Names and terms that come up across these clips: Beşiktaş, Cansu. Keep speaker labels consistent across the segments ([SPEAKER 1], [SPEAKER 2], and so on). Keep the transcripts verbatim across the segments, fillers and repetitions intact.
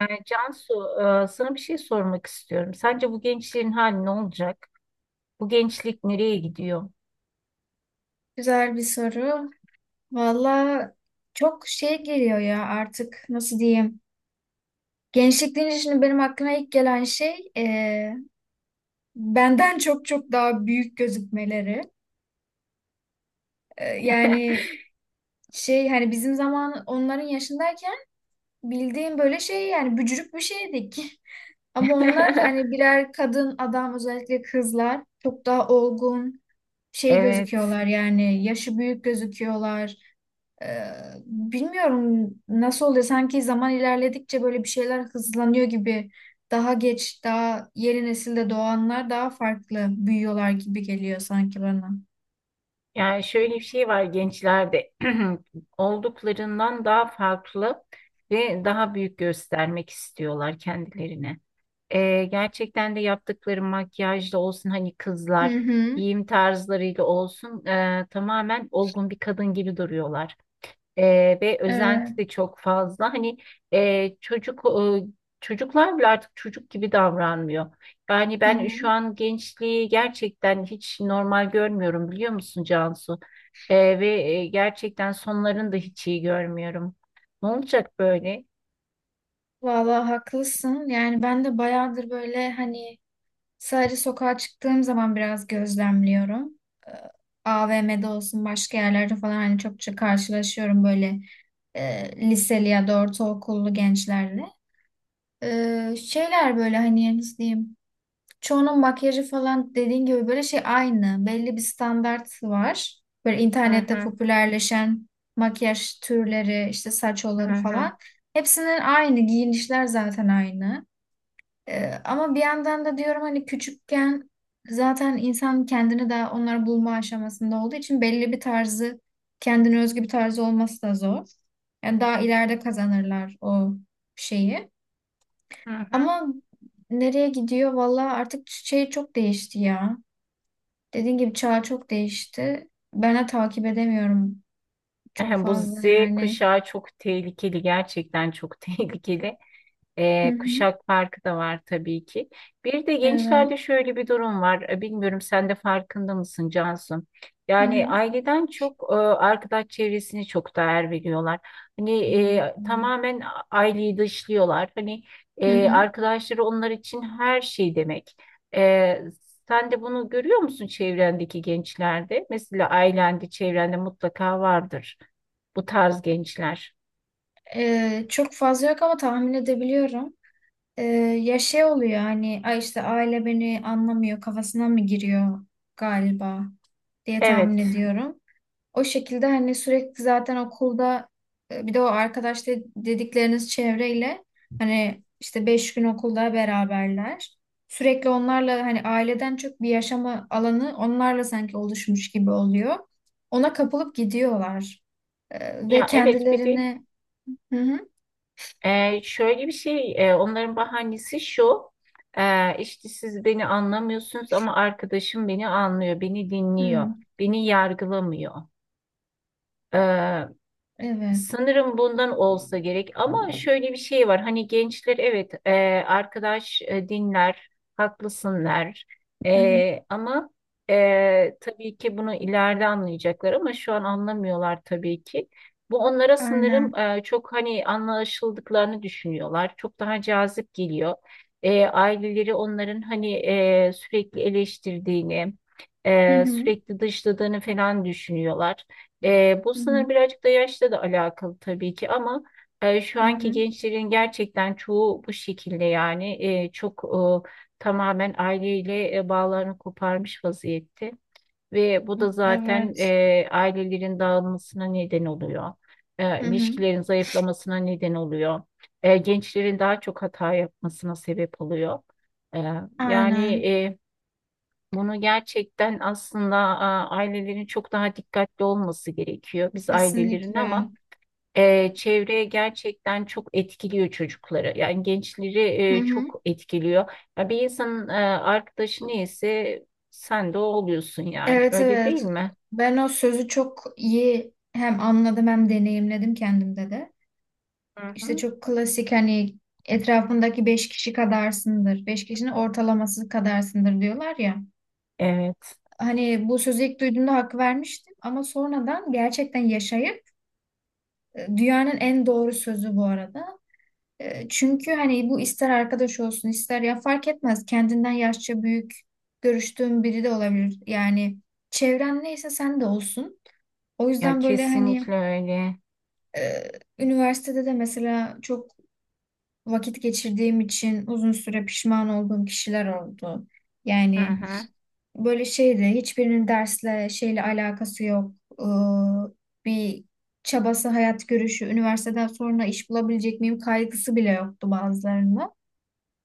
[SPEAKER 1] Yani Cansu, e, sana bir şey sormak istiyorum. Sence bu gençlerin hali ne olacak? Bu gençlik nereye gidiyor?
[SPEAKER 2] Güzel bir soru. Valla çok şey geliyor ya artık nasıl diyeyim. Gençlik deyince şimdi benim aklıma ilk gelen şey e, benden çok çok daha büyük gözükmeleri. E, yani şey hani bizim zaman onların yaşındayken bildiğim böyle şey yani bücürük bir şeydik. Ama onlar hani birer kadın adam özellikle kızlar çok daha olgun şey
[SPEAKER 1] Evet.
[SPEAKER 2] gözüküyorlar yani yaşı büyük gözüküyorlar. Ee, bilmiyorum nasıl oluyor. Sanki zaman ilerledikçe böyle bir şeyler hızlanıyor gibi. Daha geç, daha yeni nesilde doğanlar daha farklı büyüyorlar gibi geliyor sanki bana.
[SPEAKER 1] Yani şöyle bir şey var gençlerde, olduklarından daha farklı ve daha büyük göstermek istiyorlar kendilerini. Ee, gerçekten de yaptıkları makyajla olsun, hani
[SPEAKER 2] Hı
[SPEAKER 1] kızlar
[SPEAKER 2] hı.
[SPEAKER 1] giyim tarzlarıyla olsun, e, tamamen olgun bir kadın gibi duruyorlar. Ee, ve
[SPEAKER 2] Evet.
[SPEAKER 1] özenti de çok fazla. Hani e, çocuk e, çocuklar bile artık çocuk gibi davranmıyor. Yani
[SPEAKER 2] Hı
[SPEAKER 1] ben şu
[SPEAKER 2] hı.
[SPEAKER 1] an gençliği gerçekten hiç normal görmüyorum, biliyor musun Cansu? Ee, ve e, gerçekten sonlarını da hiç iyi görmüyorum. Ne olacak böyle?
[SPEAKER 2] Vallahi haklısın. Yani ben de bayağıdır böyle hani sadece sokağa çıktığım zaman biraz gözlemliyorum. Ee, A V M'de olsun başka yerlerde falan hani çokça karşılaşıyorum böyle e, liseli ya da ortaokullu gençlerle. Ee, şeyler böyle hani nasıl diyeyim çoğunun makyajı falan dediğin gibi böyle şey aynı belli bir standart var böyle
[SPEAKER 1] Hı
[SPEAKER 2] internette
[SPEAKER 1] hı,
[SPEAKER 2] popülerleşen makyaj türleri işte saç
[SPEAKER 1] hı
[SPEAKER 2] olur
[SPEAKER 1] hı,
[SPEAKER 2] falan hepsinin aynı giyinişler zaten aynı. Ee, ama bir yandan da diyorum hani küçükken zaten insan kendini daha onları bulma aşamasında olduğu için belli bir tarzı kendine özgü bir tarzı olması da zor yani daha ileride kazanırlar o şeyi
[SPEAKER 1] hı hı.
[SPEAKER 2] ama nereye gidiyor? Vallahi artık şey çok değişti ya. Dediğin gibi çağ çok değişti. Ben de takip edemiyorum çok
[SPEAKER 1] Bu
[SPEAKER 2] fazla
[SPEAKER 1] ze
[SPEAKER 2] yani.
[SPEAKER 1] kuşağı çok tehlikeli, gerçekten çok tehlikeli.
[SPEAKER 2] Hı
[SPEAKER 1] E,
[SPEAKER 2] hı.
[SPEAKER 1] kuşak farkı da var tabii ki. Bir de
[SPEAKER 2] Evet.
[SPEAKER 1] gençlerde şöyle bir durum var. E, Bilmiyorum, sen de farkında mısın Cansu?
[SPEAKER 2] Hı
[SPEAKER 1] Yani
[SPEAKER 2] hı.
[SPEAKER 1] aileden çok e, arkadaş çevresini çok değer veriyorlar. Hani e, tamamen aileyi dışlıyorlar. Hani
[SPEAKER 2] Hı
[SPEAKER 1] e,
[SPEAKER 2] hı.
[SPEAKER 1] arkadaşları onlar için her şey demek. E, sen de bunu görüyor musun çevrendeki gençlerde? Mesela ailende, çevrende mutlaka vardır bu tarz gençler.
[SPEAKER 2] Ee, çok fazla yok ama tahmin edebiliyorum. Ee, ya şey oluyor hani ay işte aile beni anlamıyor kafasına mı giriyor galiba diye tahmin
[SPEAKER 1] Evet.
[SPEAKER 2] ediyorum. O şekilde hani sürekli zaten okulda e, bir de o arkadaş de- dedikleriniz çevreyle hani işte beş gün okulda beraberler. Sürekli onlarla hani aileden çok bir yaşama alanı onlarla sanki oluşmuş gibi oluyor. Ona kapılıp gidiyorlar. E, ve
[SPEAKER 1] Ya evet, bir de
[SPEAKER 2] kendilerini hı hı,
[SPEAKER 1] Ee, şöyle bir şey, e, onların bahanesi şu, e, işte siz beni anlamıyorsunuz ama arkadaşım beni anlıyor, beni dinliyor,
[SPEAKER 2] hı,
[SPEAKER 1] beni yargılamıyor.
[SPEAKER 2] evet
[SPEAKER 1] Sanırım bundan olsa gerek, ama şöyle bir şey var, hani gençler, evet, e, arkadaş e, dinler, haklısınlar.
[SPEAKER 2] hı hı,
[SPEAKER 1] E, ama e, tabii ki bunu ileride anlayacaklar ama şu an anlamıyorlar tabii ki. Bu onlara
[SPEAKER 2] aynen
[SPEAKER 1] sanırım, e, çok hani anlaşıldıklarını düşünüyorlar, çok daha cazip geliyor. E, aileleri onların hani e, sürekli eleştirdiğini,
[SPEAKER 2] hı
[SPEAKER 1] e,
[SPEAKER 2] hı,
[SPEAKER 1] sürekli dışladığını falan düşünüyorlar. E, bu
[SPEAKER 2] hı hı,
[SPEAKER 1] sınır birazcık da yaşla da alakalı tabii ki, ama e, şu
[SPEAKER 2] hı
[SPEAKER 1] anki
[SPEAKER 2] hı,
[SPEAKER 1] gençlerin gerçekten çoğu bu şekilde, yani e, çok e, tamamen aileyle e, bağlarını koparmış vaziyette, ve bu da zaten
[SPEAKER 2] evet
[SPEAKER 1] e, ailelerin dağılmasına neden oluyor. E,
[SPEAKER 2] hı hı,
[SPEAKER 1] ilişkilerin zayıflamasına neden oluyor. E, gençlerin daha çok hata yapmasına sebep oluyor. E, yani
[SPEAKER 2] aynen
[SPEAKER 1] bunu gerçekten aslında, a, ailelerin çok daha dikkatli olması gerekiyor. Biz ailelerin
[SPEAKER 2] kesinlikle
[SPEAKER 1] ama e, çevreye gerçekten çok etkiliyor çocukları. Yani gençleri
[SPEAKER 2] hı
[SPEAKER 1] e,
[SPEAKER 2] hı.
[SPEAKER 1] çok etkiliyor. Ya bir insanın e, arkadaşı neyse sen de o oluyorsun yani.
[SPEAKER 2] Evet,
[SPEAKER 1] Öyle değil
[SPEAKER 2] evet.
[SPEAKER 1] mi?
[SPEAKER 2] Ben o sözü çok iyi hem anladım hem deneyimledim kendimde de.
[SPEAKER 1] Hı
[SPEAKER 2] İşte
[SPEAKER 1] hı.
[SPEAKER 2] çok klasik hani etrafındaki beş kişi kadarsındır. Beş kişinin ortalaması kadarsındır diyorlar ya.
[SPEAKER 1] Evet.
[SPEAKER 2] Hani bu sözü ilk duyduğumda hak vermiştim ama sonradan gerçekten yaşayıp e, dünyanın en doğru sözü bu arada. E, Çünkü hani bu ister arkadaş olsun ister ya fark etmez kendinden yaşça büyük görüştüğün biri de olabilir. Yani çevren neyse sen de olsun. O
[SPEAKER 1] Ya
[SPEAKER 2] yüzden böyle hani
[SPEAKER 1] kesinlikle öyle.
[SPEAKER 2] e, üniversitede de mesela çok vakit geçirdiğim için uzun süre pişman olduğum kişiler oldu.
[SPEAKER 1] Hı
[SPEAKER 2] Yani
[SPEAKER 1] hı.
[SPEAKER 2] böyle şeydi hiçbirinin dersle şeyle alakası yok. Ee, bir çabası, hayat görüşü, üniversiteden sonra iş bulabilecek miyim kaygısı bile yoktu bazılarında.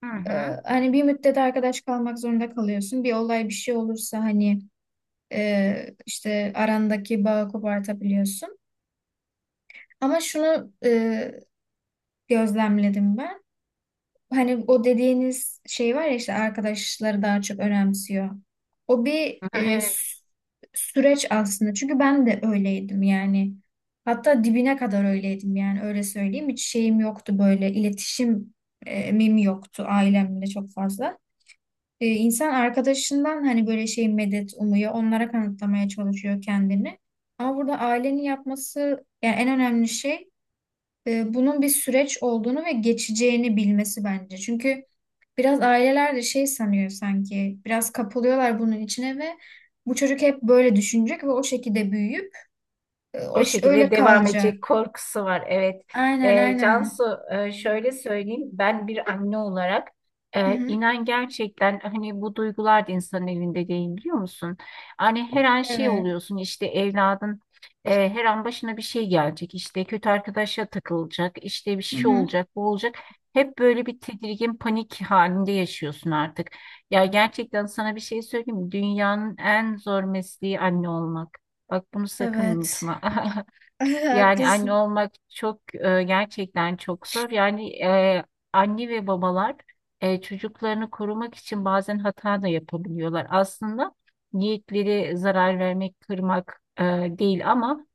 [SPEAKER 1] Hı
[SPEAKER 2] Ee,
[SPEAKER 1] hı.
[SPEAKER 2] hani bir müddet arkadaş kalmak zorunda kalıyorsun. Bir olay bir şey olursa hani e, işte arandaki bağı kopartabiliyorsun. Ama şunu e, gözlemledim ben. Hani o dediğiniz şey var ya işte arkadaşları daha çok önemsiyor. O bir
[SPEAKER 1] Hı hı.
[SPEAKER 2] e,
[SPEAKER 1] Evet.
[SPEAKER 2] sü- süreç aslında. Çünkü ben de öyleydim yani. Hatta dibine kadar öyleydim yani öyle söyleyeyim. Hiç şeyim yoktu böyle iletişim e, mimi yoktu ailemle çok fazla. E, insan arkadaşından hani böyle şey medet umuyor. Onlara kanıtlamaya çalışıyor kendini. Ama burada ailenin yapması yani en önemli şey e, bunun bir süreç olduğunu ve geçeceğini bilmesi bence. Çünkü biraz aileler de şey sanıyor sanki, biraz kapılıyorlar bunun içine ve bu çocuk hep böyle düşünecek ve o şekilde büyüyüp e,
[SPEAKER 1] O
[SPEAKER 2] o ş-
[SPEAKER 1] şekilde
[SPEAKER 2] öyle
[SPEAKER 1] devam
[SPEAKER 2] kalacak.
[SPEAKER 1] edecek korkusu var. Evet.
[SPEAKER 2] Aynen
[SPEAKER 1] Ee,
[SPEAKER 2] aynen.
[SPEAKER 1] Cansu, e, şöyle söyleyeyim. Ben bir anne olarak
[SPEAKER 2] Hı
[SPEAKER 1] e,
[SPEAKER 2] hı.
[SPEAKER 1] inan gerçekten, hani bu duygular da insanın elinde değil, biliyor musun? Hani her an şey
[SPEAKER 2] Evet.
[SPEAKER 1] oluyorsun, işte evladın e, her an başına bir şey gelecek. İşte kötü arkadaşa takılacak. İşte bir
[SPEAKER 2] Hı
[SPEAKER 1] şey
[SPEAKER 2] hı.
[SPEAKER 1] olacak, bu olacak. Hep böyle bir tedirgin panik halinde yaşıyorsun artık. Ya gerçekten sana bir şey söyleyeyim mi? Dünyanın en zor mesleği anne olmak. Bak bunu sakın
[SPEAKER 2] Evet.
[SPEAKER 1] unutma. Yani anne
[SPEAKER 2] Haklısın.
[SPEAKER 1] olmak çok, e, gerçekten çok zor. Yani e, anne ve babalar e, çocuklarını korumak için bazen hata da yapabiliyorlar. Aslında niyetleri zarar vermek, kırmak e, değil, ama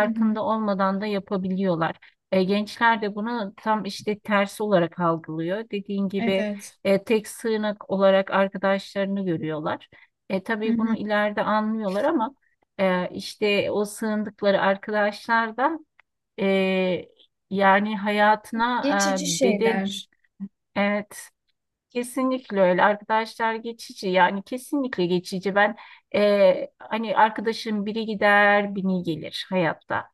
[SPEAKER 2] Hı hı.
[SPEAKER 1] olmadan da yapabiliyorlar. E, gençler de bunu tam işte tersi olarak algılıyor. Dediğin gibi
[SPEAKER 2] Evet.
[SPEAKER 1] e, tek sığınak olarak arkadaşlarını görüyorlar. E,
[SPEAKER 2] Hı
[SPEAKER 1] tabii
[SPEAKER 2] hı.
[SPEAKER 1] bunu ileride anlıyorlar, ama ee, işte o sığındıkları arkadaşlardan, e, yani hayatına
[SPEAKER 2] Geçici
[SPEAKER 1] e, beden,
[SPEAKER 2] şeyler.
[SPEAKER 1] evet, kesinlikle öyle, arkadaşlar geçici yani, kesinlikle geçici. Ben e, hani arkadaşım biri gider biri gelir hayatta.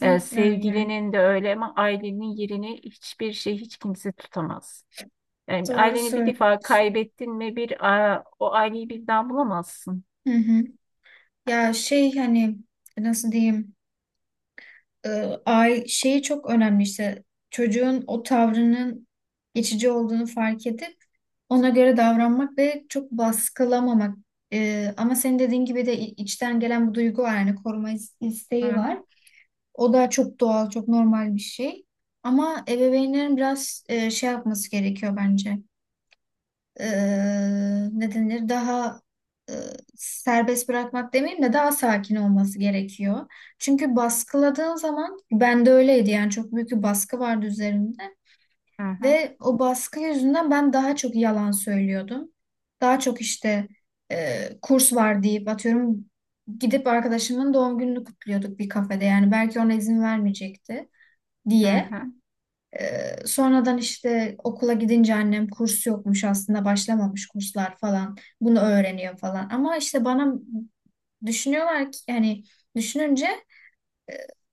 [SPEAKER 1] E,
[SPEAKER 2] öyle.
[SPEAKER 1] sevgilinin de öyle, ama ailenin yerini hiçbir şey, hiç kimse tutamaz. Yani
[SPEAKER 2] Doğru
[SPEAKER 1] aileni bir defa
[SPEAKER 2] söylüyorsun.
[SPEAKER 1] kaybettin mi, bir a, o aileyi birden bulamazsın.
[SPEAKER 2] Hı hı. Ya şey hani nasıl diyeyim? e, ay şeyi çok önemli işte çocuğun o tavrının geçici olduğunu fark edip ona göre davranmak ve çok baskılamamak. E, ama senin dediğin gibi de i- içten gelen bu duygu var yani koruma is-
[SPEAKER 1] Hı
[SPEAKER 2] isteği
[SPEAKER 1] hı,
[SPEAKER 2] var. O da çok doğal, çok normal bir şey. Ama ebeveynlerin biraz e, şey yapması gerekiyor bence, e, ne denir daha e, serbest bırakmak demeyeyim de daha sakin olması gerekiyor. Çünkü baskıladığın zaman ben de öyleydi yani çok büyük bir baskı vardı üzerimde
[SPEAKER 1] hı hı,
[SPEAKER 2] ve o baskı yüzünden ben daha çok yalan söylüyordum. Daha çok işte e, kurs var deyip atıyorum gidip arkadaşımın doğum gününü kutluyorduk bir kafede yani belki ona izin vermeyecekti
[SPEAKER 1] hı
[SPEAKER 2] diye.
[SPEAKER 1] hı.
[SPEAKER 2] Ee, sonradan işte okula gidince annem kurs yokmuş aslında başlamamış kurslar falan bunu öğreniyor falan. Ama işte bana düşünüyorlar ki yani düşününce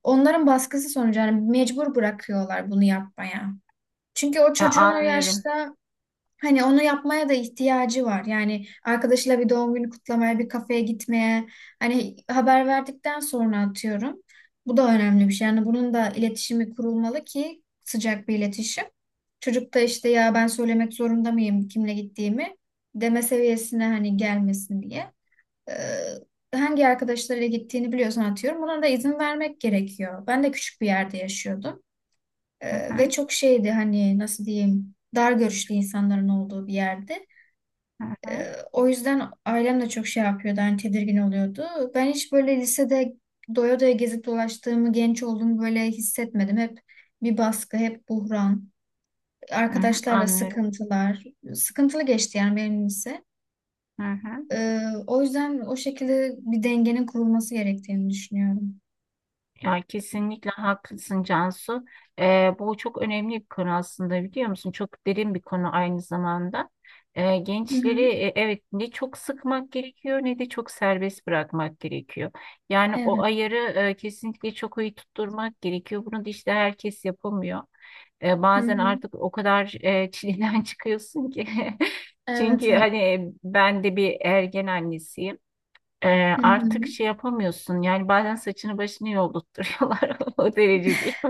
[SPEAKER 2] onların baskısı sonucu yani mecbur bırakıyorlar bunu yapmaya. Çünkü o
[SPEAKER 1] Ya,
[SPEAKER 2] çocuğun o
[SPEAKER 1] anlıyorum.
[SPEAKER 2] yaşta hani onu yapmaya da ihtiyacı var. Yani arkadaşıyla bir doğum günü kutlamaya, bir kafeye gitmeye, hani haber verdikten sonra atıyorum. Bu da önemli bir şey. Yani bunun da iletişimi kurulmalı ki sıcak bir iletişim. Çocuk da işte ya ben söylemek zorunda mıyım kimle gittiğimi deme seviyesine hani gelmesin diye. Ee, hangi arkadaşlarıyla gittiğini biliyorsan atıyorum. Buna da izin vermek gerekiyor. Ben de küçük bir yerde yaşıyordum.
[SPEAKER 1] Hı
[SPEAKER 2] Ee, ve
[SPEAKER 1] hı.
[SPEAKER 2] çok şeydi hani nasıl diyeyim dar görüşlü insanların olduğu bir yerde.
[SPEAKER 1] Hı
[SPEAKER 2] Ee,
[SPEAKER 1] hı,
[SPEAKER 2] o yüzden ailem de çok şey yapıyordu, hani tedirgin oluyordu. Ben hiç böyle lisede doya doya gezip dolaştığımı, genç olduğumu böyle hissetmedim. Hep bir baskı, hep buhran,
[SPEAKER 1] hı hı,
[SPEAKER 2] arkadaşlarla
[SPEAKER 1] anlıyorum.
[SPEAKER 2] sıkıntılar. Sıkıntılı geçti yani benim lise.
[SPEAKER 1] Hı hı.
[SPEAKER 2] Ee, o yüzden o şekilde bir dengenin kurulması gerektiğini düşünüyorum.
[SPEAKER 1] Ya kesinlikle haklısın Cansu. Ee, bu çok önemli bir konu aslında, biliyor musun? Çok derin bir konu aynı zamanda. Ee,
[SPEAKER 2] Hı
[SPEAKER 1] gençleri
[SPEAKER 2] hı.
[SPEAKER 1] e, evet, ne çok sıkmak gerekiyor ne de çok serbest bırakmak gerekiyor. Yani o
[SPEAKER 2] Evet.
[SPEAKER 1] ayarı e, kesinlikle çok iyi tutturmak gerekiyor. Bunu da işte herkes yapamıyor. Ee,
[SPEAKER 2] Hı
[SPEAKER 1] bazen
[SPEAKER 2] hı.
[SPEAKER 1] artık o kadar e, çileden çıkıyorsun ki.
[SPEAKER 2] Evet,
[SPEAKER 1] Çünkü
[SPEAKER 2] evet.
[SPEAKER 1] hani ben de bir ergen annesiyim. Ee,
[SPEAKER 2] Hı hı.
[SPEAKER 1] artık şey yapamıyorsun. Yani bazen saçını başını yoldurtturuyorlar, o derece değil.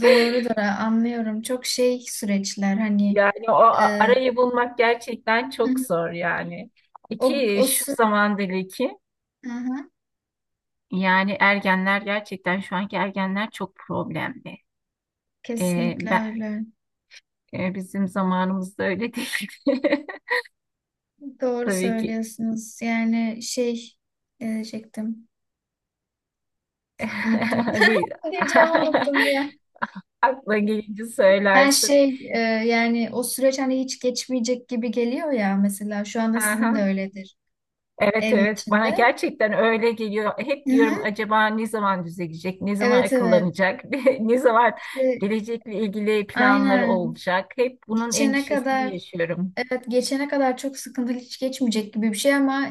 [SPEAKER 2] Doğrudur, anlıyorum. Çok şey süreçler hani
[SPEAKER 1] Yani o a-
[SPEAKER 2] e,
[SPEAKER 1] arayı bulmak gerçekten
[SPEAKER 2] hı
[SPEAKER 1] çok
[SPEAKER 2] hı.
[SPEAKER 1] zor yani.
[SPEAKER 2] o,
[SPEAKER 1] İki
[SPEAKER 2] o
[SPEAKER 1] şu
[SPEAKER 2] sü-
[SPEAKER 1] zamandaki,
[SPEAKER 2] Hı hı.
[SPEAKER 1] yani ergenler, gerçekten şu anki ergenler çok problemli. Ee,
[SPEAKER 2] Kesinlikle
[SPEAKER 1] ben,
[SPEAKER 2] öyle.
[SPEAKER 1] e, bizim zamanımızda öyle değildi.
[SPEAKER 2] Doğru
[SPEAKER 1] Tabii ki.
[SPEAKER 2] söylüyorsunuz. Yani şey ne diyecektim. Unuttum.
[SPEAKER 1] Hani,
[SPEAKER 2] Ne diyeceğimi unuttum ya.
[SPEAKER 1] aklına gelince
[SPEAKER 2] Her
[SPEAKER 1] söylersin.
[SPEAKER 2] şey e, yani o süreç hani hiç geçmeyecek gibi geliyor ya mesela. Şu anda sizin de
[SPEAKER 1] Aha.
[SPEAKER 2] öyledir
[SPEAKER 1] Evet
[SPEAKER 2] evin
[SPEAKER 1] evet, bana
[SPEAKER 2] içinde.
[SPEAKER 1] gerçekten öyle geliyor. Hep diyorum,
[SPEAKER 2] Hı-hı.
[SPEAKER 1] acaba ne zaman düzelecek, ne zaman
[SPEAKER 2] Evet, evet.
[SPEAKER 1] akıllanacak, ne zaman
[SPEAKER 2] İşte
[SPEAKER 1] gelecekle ilgili planları
[SPEAKER 2] aynen.
[SPEAKER 1] olacak. Hep bunun
[SPEAKER 2] Geçene
[SPEAKER 1] endişesini
[SPEAKER 2] kadar
[SPEAKER 1] yaşıyorum.
[SPEAKER 2] evet geçene kadar çok sıkıntılı hiç geçmeyecek gibi bir şey ama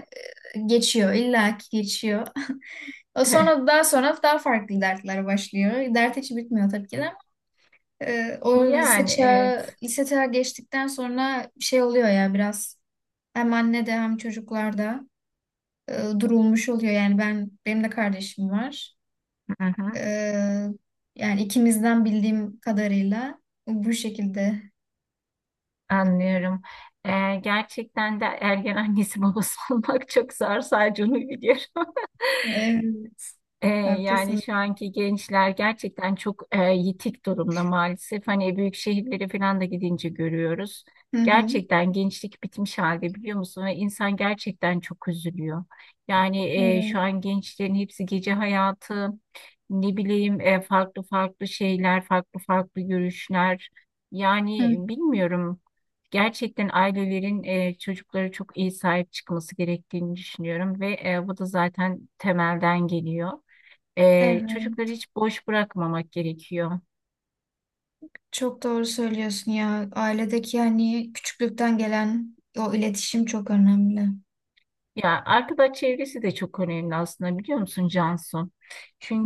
[SPEAKER 2] e, geçiyor. İlla ki geçiyor. O sonra daha sonra daha farklı dertler başlıyor. Dert hiç bitmiyor tabii ki de. Ee, o lise
[SPEAKER 1] Yani evet.
[SPEAKER 2] çağı, lise çağı geçtikten sonra bir şey oluyor ya biraz hem annede hem çocuklarda e, durulmuş oluyor. Yani ben benim de kardeşim var.
[SPEAKER 1] Hı hı,
[SPEAKER 2] Ee, yani ikimizden bildiğim kadarıyla bu şekilde.
[SPEAKER 1] anlıyorum. Ee, gerçekten de ergen annesi babası olmak çok zor, sadece onu biliyorum.
[SPEAKER 2] Evet,
[SPEAKER 1] E, yani
[SPEAKER 2] haklısın.
[SPEAKER 1] şu anki gençler gerçekten çok e, yitik durumda maalesef. Hani büyük şehirlere falan da gidince görüyoruz.
[SPEAKER 2] Hı hı.
[SPEAKER 1] Gerçekten gençlik bitmiş halde, biliyor musun? Ve insan gerçekten çok üzülüyor. Yani e,
[SPEAKER 2] Evet.
[SPEAKER 1] şu an gençlerin hepsi gece hayatı, ne bileyim, e, farklı farklı şeyler, farklı farklı görüşler.
[SPEAKER 2] Hı.
[SPEAKER 1] Yani bilmiyorum. Gerçekten ailelerin e, çocuklara çok iyi sahip çıkması gerektiğini düşünüyorum, ve e, bu da zaten temelden geliyor. Ee, çocukları
[SPEAKER 2] Evet.
[SPEAKER 1] hiç boş bırakmamak gerekiyor.
[SPEAKER 2] Çok doğru söylüyorsun ya. Ailedeki yani küçüklükten gelen o iletişim çok önemli.
[SPEAKER 1] Ya arkadaş çevresi de çok önemli aslında, biliyor musun Cansu?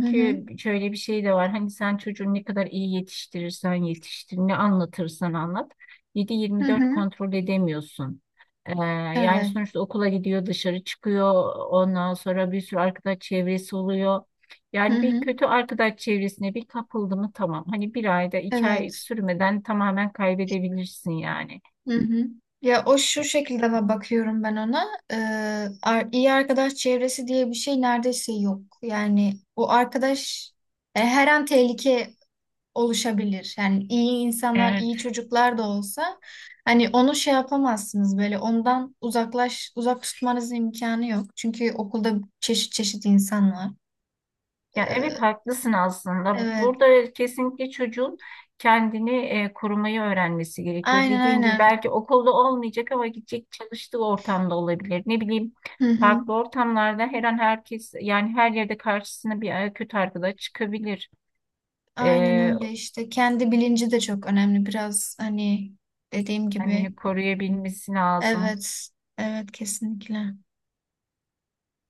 [SPEAKER 2] Hı hı.
[SPEAKER 1] şöyle bir şey de var. Hani sen çocuğu ne kadar iyi yetiştirirsen yetiştir, ne anlatırsan anlat.
[SPEAKER 2] Hı
[SPEAKER 1] yedi yirmi dört
[SPEAKER 2] hı.
[SPEAKER 1] kontrol edemiyorsun. Ee, yani
[SPEAKER 2] Evet.
[SPEAKER 1] sonuçta okula gidiyor, dışarı çıkıyor. Ondan sonra bir sürü arkadaş çevresi oluyor.
[SPEAKER 2] Hı
[SPEAKER 1] Yani
[SPEAKER 2] hı.
[SPEAKER 1] bir kötü arkadaş çevresine bir kapıldı mı tamam. Hani bir ayda iki ay
[SPEAKER 2] Evet.
[SPEAKER 1] sürmeden tamamen kaybedebilirsin yani.
[SPEAKER 2] Hı hı. Ya o şu
[SPEAKER 1] E,
[SPEAKER 2] şekilde ba- bakıyorum ben ona. Ee, ar- iyi arkadaş çevresi diye bir şey neredeyse yok. Yani o arkadaş e, her an tehlike oluşabilir. Yani iyi insanlar,
[SPEAKER 1] Evet.
[SPEAKER 2] iyi çocuklar da olsa hani onu şey yapamazsınız böyle ondan uzaklaş uzak tutmanız imkanı yok. Çünkü okulda çeşit çeşit insan var.
[SPEAKER 1] Ya evet,
[SPEAKER 2] Ee,
[SPEAKER 1] haklısın aslında.
[SPEAKER 2] evet.
[SPEAKER 1] Burada kesinlikle çocuğun kendini e, korumayı öğrenmesi gerekiyor.
[SPEAKER 2] Aynen
[SPEAKER 1] Dediğin gibi
[SPEAKER 2] aynen.
[SPEAKER 1] belki okulda olmayacak ama gidecek, çalıştığı ortamda olabilir. Ne bileyim,
[SPEAKER 2] Hı hı.
[SPEAKER 1] farklı ortamlarda her an, herkes yani her yerde karşısına bir e, kötü arkadaş çıkabilir.
[SPEAKER 2] Aynen
[SPEAKER 1] E,
[SPEAKER 2] öyle işte. Kendi bilinci de çok önemli. Biraz hani dediğim gibi.
[SPEAKER 1] kendini koruyabilmesi lazım.
[SPEAKER 2] Evet. Evet, kesinlikle.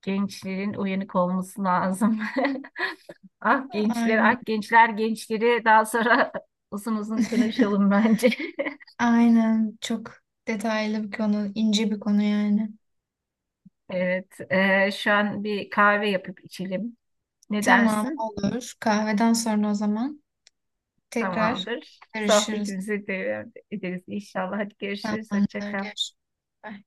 [SPEAKER 1] Gençlerin uyanık olması lazım. Ah gençler,
[SPEAKER 2] Aynen.
[SPEAKER 1] ah gençler, gençleri daha sonra uzun uzun konuşalım bence.
[SPEAKER 2] Aynen. Çok detaylı bir konu. İnce bir konu yani.
[SPEAKER 1] Evet, e, şu an bir kahve yapıp içelim. Ne
[SPEAKER 2] Tamam,
[SPEAKER 1] dersin?
[SPEAKER 2] olur. Kahveden sonra o zaman tekrar
[SPEAKER 1] Tamamdır.
[SPEAKER 2] görüşürüz.
[SPEAKER 1] Sohbetimizi devam ederiz inşallah. Hadi görüşürüz. Hoşça
[SPEAKER 2] Tamamdır.
[SPEAKER 1] kal.
[SPEAKER 2] Görüşürüz. Bye.